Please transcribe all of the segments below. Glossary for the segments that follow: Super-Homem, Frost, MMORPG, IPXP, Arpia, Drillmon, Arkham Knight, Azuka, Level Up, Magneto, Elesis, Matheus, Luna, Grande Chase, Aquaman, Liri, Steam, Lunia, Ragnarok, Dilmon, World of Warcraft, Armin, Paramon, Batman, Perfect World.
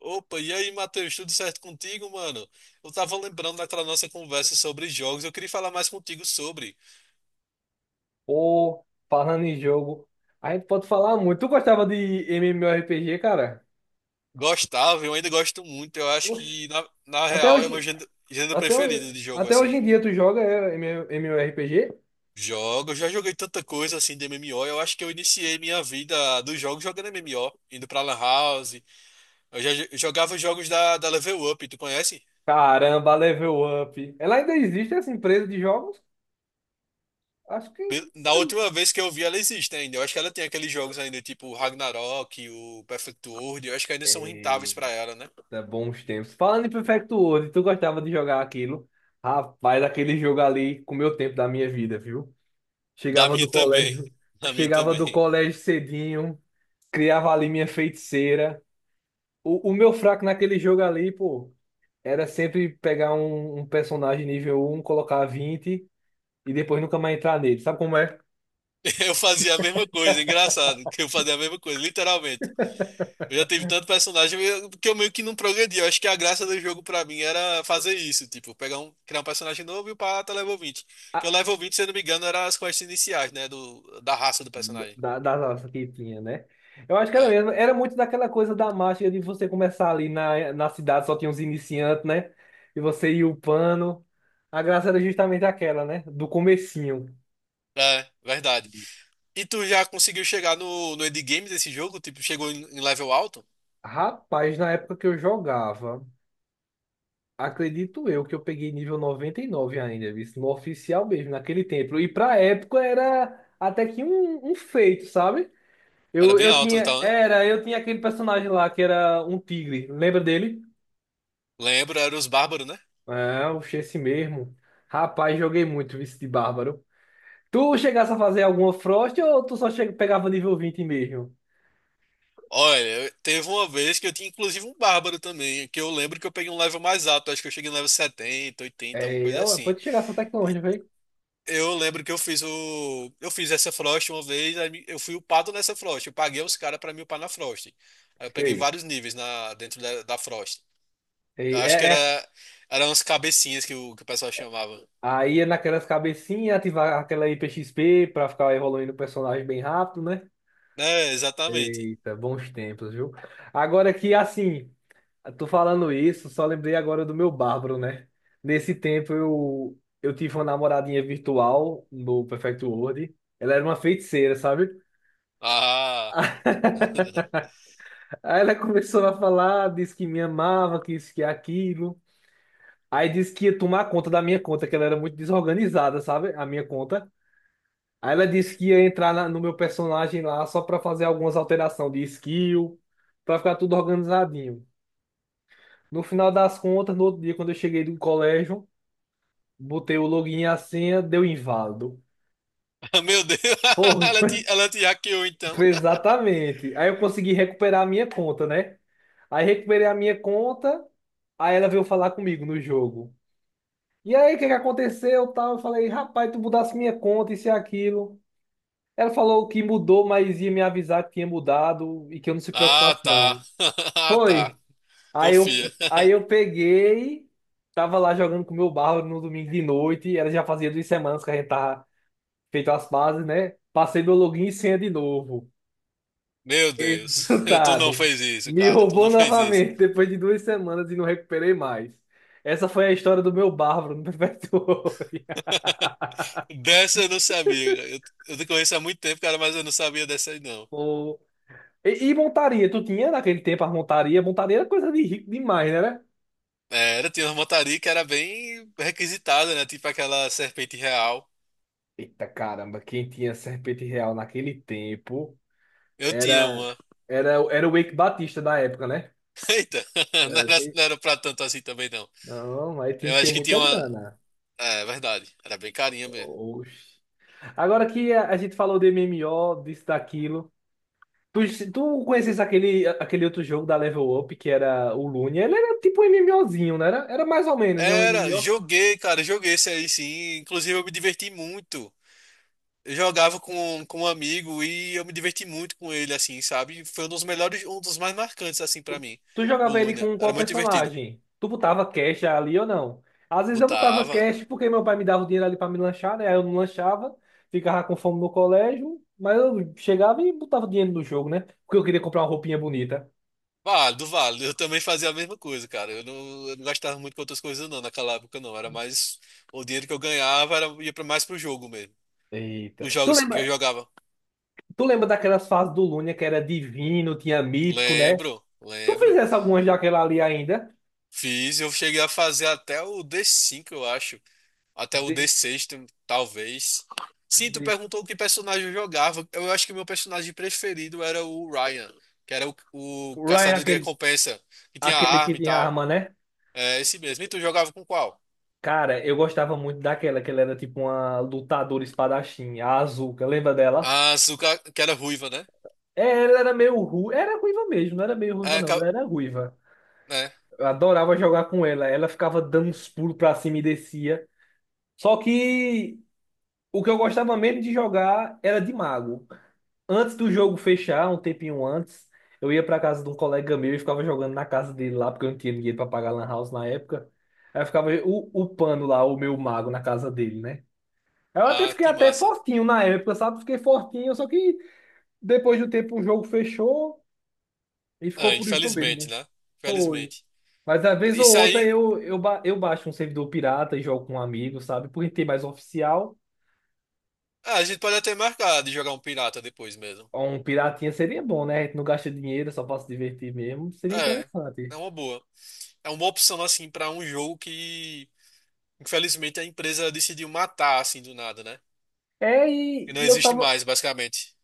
Opa, e aí, Matheus, tudo certo contigo, mano? Eu tava lembrando daquela nossa conversa sobre jogos, eu queria falar mais contigo sobre. Ou falando em jogo, a gente pode falar muito. Tu gostava de MMORPG, cara? Gostava, eu ainda gosto muito, eu acho Oxi. que, na Até real, é meu hoje, gênero preferido de jogo, Até hoje assim. em dia tu joga MMORPG? Jogo, eu já joguei tanta coisa, assim, de MMO, eu acho que eu iniciei minha vida dos jogos jogando MMO, indo pra Lan House, eu já jogava os jogos da Level Up, tu conhece? Caramba, Level Up. Ela ainda existe essa empresa de jogos? Acho que. Da última vez que eu vi, ela existe ainda. Eu acho que ela tem aqueles jogos ainda, tipo o Ragnarok, o Perfect World. Eu acho que ainda são rentáveis pra Eita, ela, né? bons tempos. Falando em Perfect World, tu gostava de jogar aquilo? Rapaz, aquele jogo ali comeu tempo da minha vida, viu? Da Chegava minha do também. colégio, Da minha Chegava também. do colégio cedinho, criava ali minha feiticeira. O meu fraco naquele jogo ali, pô, era sempre pegar um personagem nível 1 colocar 20 e depois nunca mais entrar nele. Sabe como é? Eu fazia a mesma coisa, engraçado, que eu fazia a mesma coisa, literalmente. Eu já tive tanto que eu meio que não progredi. Eu acho que a graça do jogo pra mim era fazer isso, tipo, criar um personagem novo e o pata level 20. Que o A- level 20, se eu não me engano, era as quests iniciais, né, da raça do personagem. da nossa que tinha, né? Eu acho que era É, mesmo. Era muito daquela coisa da mágica de você começar ali na cidade, só tinha os iniciantes, né? E você ia upando. A graça era justamente aquela, né? Do comecinho. é, verdade. E tu já conseguiu chegar no endgame desse jogo? Tipo, chegou em level alto? Rapaz, na época que eu jogava. Acredito eu que eu peguei nível 99 ainda, visto, no oficial mesmo, naquele tempo. E pra época era até que um feito, sabe? Era Eu, bem eu alto tinha, então, né? era, eu tinha aquele personagem lá que era um tigre, lembra dele? Lembro, era os bárbaros, né? É, o esse mesmo. Rapaz, joguei muito vice de Bárbaro. Tu chegasse a fazer alguma Frost ou pegava nível 20 mesmo? Olha, teve uma vez que eu tinha inclusive um bárbaro também, que eu lembro que eu peguei um level mais alto, acho que eu cheguei no level 70, 80, alguma É, coisa assim. pode chegar até que longe, velho. Eu lembro que eu fiz essa Frost uma vez, aí eu fui upado nessa Frost, eu paguei os caras pra me upar na Frost. Aí eu peguei Sei. vários níveis na dentro da Frost. Eu acho que É, era é. eram as cabecinhas que o pessoal chamava. Aí é naquelas cabecinhas, ativar aquela IPXP pra ficar evoluindo o personagem bem rápido, né? É, exatamente. Eita, bons tempos, viu? Agora que, assim, tô falando isso, só lembrei agora do meu Bárbaro, né? Nesse tempo eu tive uma namoradinha virtual no Perfect World. Ela era uma feiticeira, sabe? Ah, Aí ela começou a falar, disse que me amava, que isso, que aquilo. Aí disse que ia tomar conta da minha conta, que ela era muito desorganizada, sabe? A minha conta. Aí ela disse que ia entrar no meu personagem lá só pra fazer algumas alterações de skill, pra ficar tudo organizadinho. No final das contas, no outro dia, quando eu cheguei do colégio, botei o login e a senha, deu inválido. meu Deus, Porra, ela te, ela te hackeou então. foi exatamente. Aí eu consegui recuperar a minha conta, né? Aí recuperei a minha conta, aí ela veio falar comigo no jogo. E aí, o que que aconteceu? Tal, eu falei, rapaz, tu mudasse minha conta, isso e aquilo. Ela falou que mudou, mas ia me avisar que tinha mudado e que eu não se Ah, preocupasse, tá. não. Ah, tá. Foi. Aí eu, Confia. aí eu peguei, tava lá jogando com o meu barro no domingo de noite, ela já fazia 2 semanas que a gente tava feito as bases, né? Passei meu login e senha de novo. Meu Deus, tu não Resultado. fez isso, Me cara. Tu não roubou fez isso. novamente depois de 2 semanas e não recuperei mais. Essa foi a história do meu bárbaro no Prefeitório. Dessa eu não sabia, cara. Eu te conheço há muito tempo, cara, mas eu não sabia dessa aí, não. Pô. E montaria? Tu tinha naquele tempo as montaria? Montaria era coisa de rico demais, né? Né? É, era, tinha uma montaria que era bem requisitada, né? Tipo aquela serpente real. Eita caramba, quem tinha serpente real naquele tempo? Eu tinha Era, uma. era o Eike Batista da época, né? Eita, não Era, era, tem- não era pra tanto assim também, não. Não, aí tinha Eu que acho ter que muita tinha uma. grana. É, verdade. Era bem carinha mesmo. Oxi. Agora que a gente falou de MMO, disso, daquilo. Tu conheces aquele outro jogo da Level Up que era o Lune? Ele era tipo um MMOzinho, né? Era mais ou menos, né? Um Era, MMO. joguei, cara, joguei esse aí sim. Inclusive eu me diverti muito. Eu jogava com um amigo e eu me diverti muito com ele, assim, sabe? Foi um dos melhores, um dos mais marcantes, assim, pra mim, Tu o jogava ele Luna. com Era qual muito divertido. personagem? Tu botava cash ali ou não? Às vezes eu botava Botava. cash porque meu pai me dava o dinheiro ali pra me lanchar, né? Aí eu não lanchava, ficava com fome no colégio, mas eu chegava e botava dinheiro no jogo, né? Porque eu queria comprar uma roupinha bonita. Válido, válido. Eu também fazia a mesma coisa, cara. Eu não gastava muito com outras coisas, não, naquela época, não. Era mais. O dinheiro que eu ganhava era, ia pra, mais pro jogo mesmo. Eita. Os Tu jogos que lembra, eu jogava. tu lembra daquelas fases do Lunia que era divino, tinha mítico, né? Lembro, Tu lembro. fizesse algumas daquela ali ainda? Fiz, eu cheguei a fazer até o d cinco eu acho. Até o Desse, D6, talvez. Sim, tu desse. perguntou que personagem eu jogava. Eu acho que meu personagem preferido era o Ryan, que era o O Ryan, caçador de aquele, recompensa, que tinha aquele que arma e tinha tal. arma, né? É esse mesmo. E tu jogava com qual? Cara, eu gostava muito daquela, que ela era tipo uma lutadora espadachim, a Azuka, lembra dela? A Azuka, que era ruiva, né? É, ela era meio ruiva, era ruiva mesmo, não era meio ruiva É, não, ca- ela era ruiva. né? Eu adorava jogar com ela, ela ficava dando uns pulos pra cima e descia. Só que o que eu gostava mesmo de jogar era de mago. Antes do jogo fechar, um tempinho antes, eu ia pra casa de um colega meu e ficava jogando na casa dele lá, porque eu não tinha dinheiro pra pagar lan house na época. Aí eu ficava o pano lá, o meu mago na casa dele, né? Eu até Ah, fiquei que até massa. fortinho na época, sabe? Fiquei fortinho, só que depois do tempo o jogo fechou e É, ficou por isso mesmo, infelizmente, né? né? Foi. Infelizmente. Mas às vez ou Isso outra aí, eu baixo um servidor pirata e jogo com um amigo, sabe? Porque tem mais oficial. ah, a gente pode até marcar de jogar um pirata depois mesmo. Um piratinha seria bom, né? A gente não gasta dinheiro, só pra se divertir mesmo. Seria É, interessante. é uma boa. É uma opção, assim, pra um jogo que infelizmente, a empresa decidiu matar assim do nada, né? É, E e, não e eu existe tava. mais, basicamente.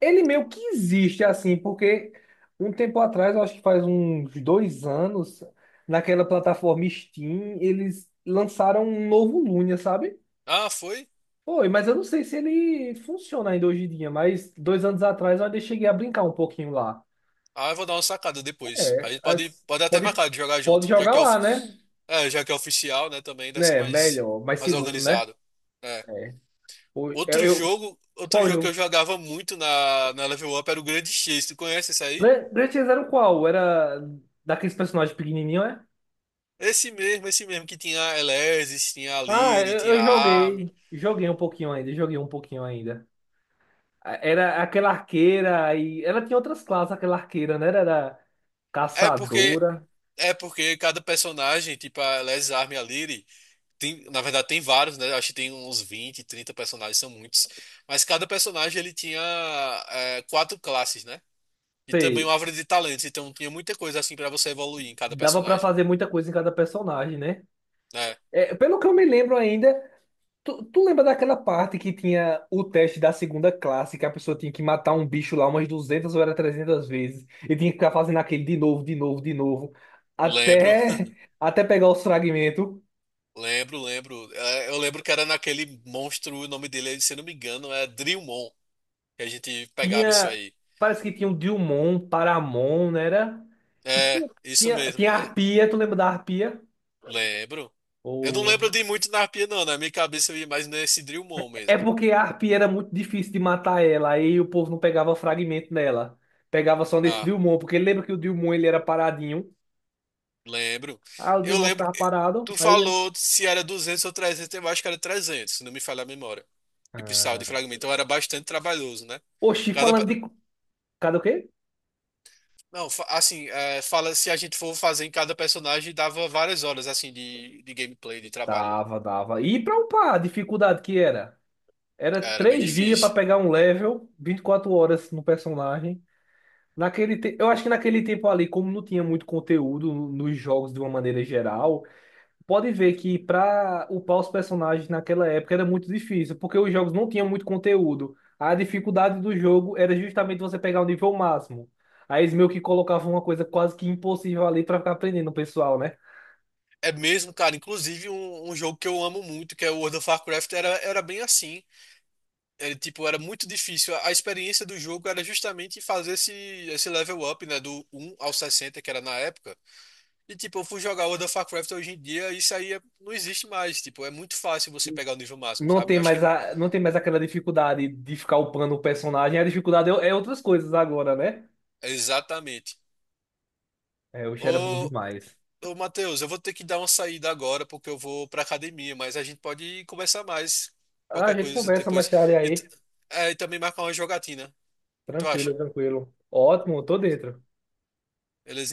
Ele meio que existe assim, porque um tempo atrás, eu acho que faz uns 2 anos, naquela plataforma Steam, eles lançaram um novo Lunia, sabe? Ah, foi? Foi, mas eu não sei se ele funciona ainda hoje em dia, mas 2 anos atrás eu ainda cheguei a brincar um pouquinho lá. Ah, eu vou dar uma sacada depois. A É, gente pode, as- pode até pode, marcar de jogar pode junto, já jogar que é, lá, né? Já que é oficial, né? Também deve ser É, mais, melhor, mais mais seguro, né? organizado. É. É. O- Eu, eu- outro qual jogo que jogo? eu jogava muito na Level Up era o Grande Chase. Tu conhece esse aí? Gran Theft qual? Era daqueles personagens pequenininhos, é? Esse mesmo que tinha Elesis, tinha a Ah, Liri, eu, tinha eu a Armin. Joguei um pouquinho ainda, joguei um pouquinho ainda. Era aquela arqueira, e ela tinha outras classes, aquela arqueira, né? Era É porque caçadora, é porque cada personagem, tipo a Elesis, a Armin e a Liri. Tem, na verdade, tem vários, né? Acho que tem uns 20 30 personagens, são muitos. Mas cada personagem ele tinha quatro classes, né? E também sei. uma árvore de talentos, então tinha muita coisa assim pra você evoluir em cada Dava pra personagem, fazer muita coisa em cada personagem, né? né? É, pelo que eu me lembro ainda, tu lembra daquela parte que tinha o teste da segunda classe, que a pessoa tinha que matar um bicho lá umas 200 ou era 300 vezes, e tinha que ficar fazendo aquele de novo, de novo, de novo, Lembro, até, até pegar os fragmentos. lembro, lembro. É, eu lembro que era naquele monstro, o nome dele, se eu não me engano, é Drillmon, que a gente pegava isso Tinha, aí. Parece que tinha o Dilmon, Paramon, né? Era, e É, tinha, isso tinha, mesmo, tinha a é, Arpia, tu lembra da Arpia? lembro. Eu não lembro Ou de muito na arpia, não, né? Na minha cabeça eu ia mais nesse Drillmon É mesmo. porque a harpia era muito difícil de matar ela, aí o povo não pegava fragmento nela. Pegava só nesse Ah, Dilmon, porque lembra que o Dilmon ele era paradinho. lembro. Ah, o Eu Dilmon lembro. ficava parado, Tu aí... falou se era 200 ou 300, eu acho que era 300 se não me falha a memória. Que precisava de Ah, fragmento. Então era bastante trabalhoso, né? oxi, Cada. falando Pe- de... Cadê o quê? Não, assim, é, fala se a gente for fazer em cada personagem, dava várias horas, assim, de gameplay, de trabalho. Dava, dava. E pra upar, a dificuldade que era? Era Era bem 3 dias pra difícil. pegar um level, 24 horas no personagem. Eu acho que naquele tempo ali, como não tinha muito conteúdo nos jogos de uma maneira geral, pode ver que para upar os personagens naquela época era muito difícil, porque os jogos não tinham muito conteúdo. A dificuldade do jogo era justamente você pegar o nível máximo. Aí eles meio que colocavam uma coisa quase que impossível ali para ficar aprendendo o pessoal, né? É mesmo, cara. Inclusive, um jogo que eu amo muito, que é o World of Warcraft, era bem assim. Ele, tipo, era muito difícil. A experiência do jogo era justamente fazer esse level up, né? Do um ao 60 que era na época. E tipo, eu fui jogar World of Warcraft hoje em dia, isso aí não existe mais. Tipo, é muito fácil você pegar o nível máximo, sabe? Eu acho que. Não tem mais aquela dificuldade de ficar upando o personagem, a dificuldade é outras coisas agora, né? Exatamente. É, o era bom Ô, demais. ô Matheus, eu vou ter que dar uma saída agora, porque eu vou pra academia, mas a gente pode conversar mais. Ah, a Qualquer gente coisa conversa mais depois. tarde E, t- aí. e, também marcar uma jogatina. Tu Tranquilo, acha? tranquilo. Ótimo, tô dentro. Beleza?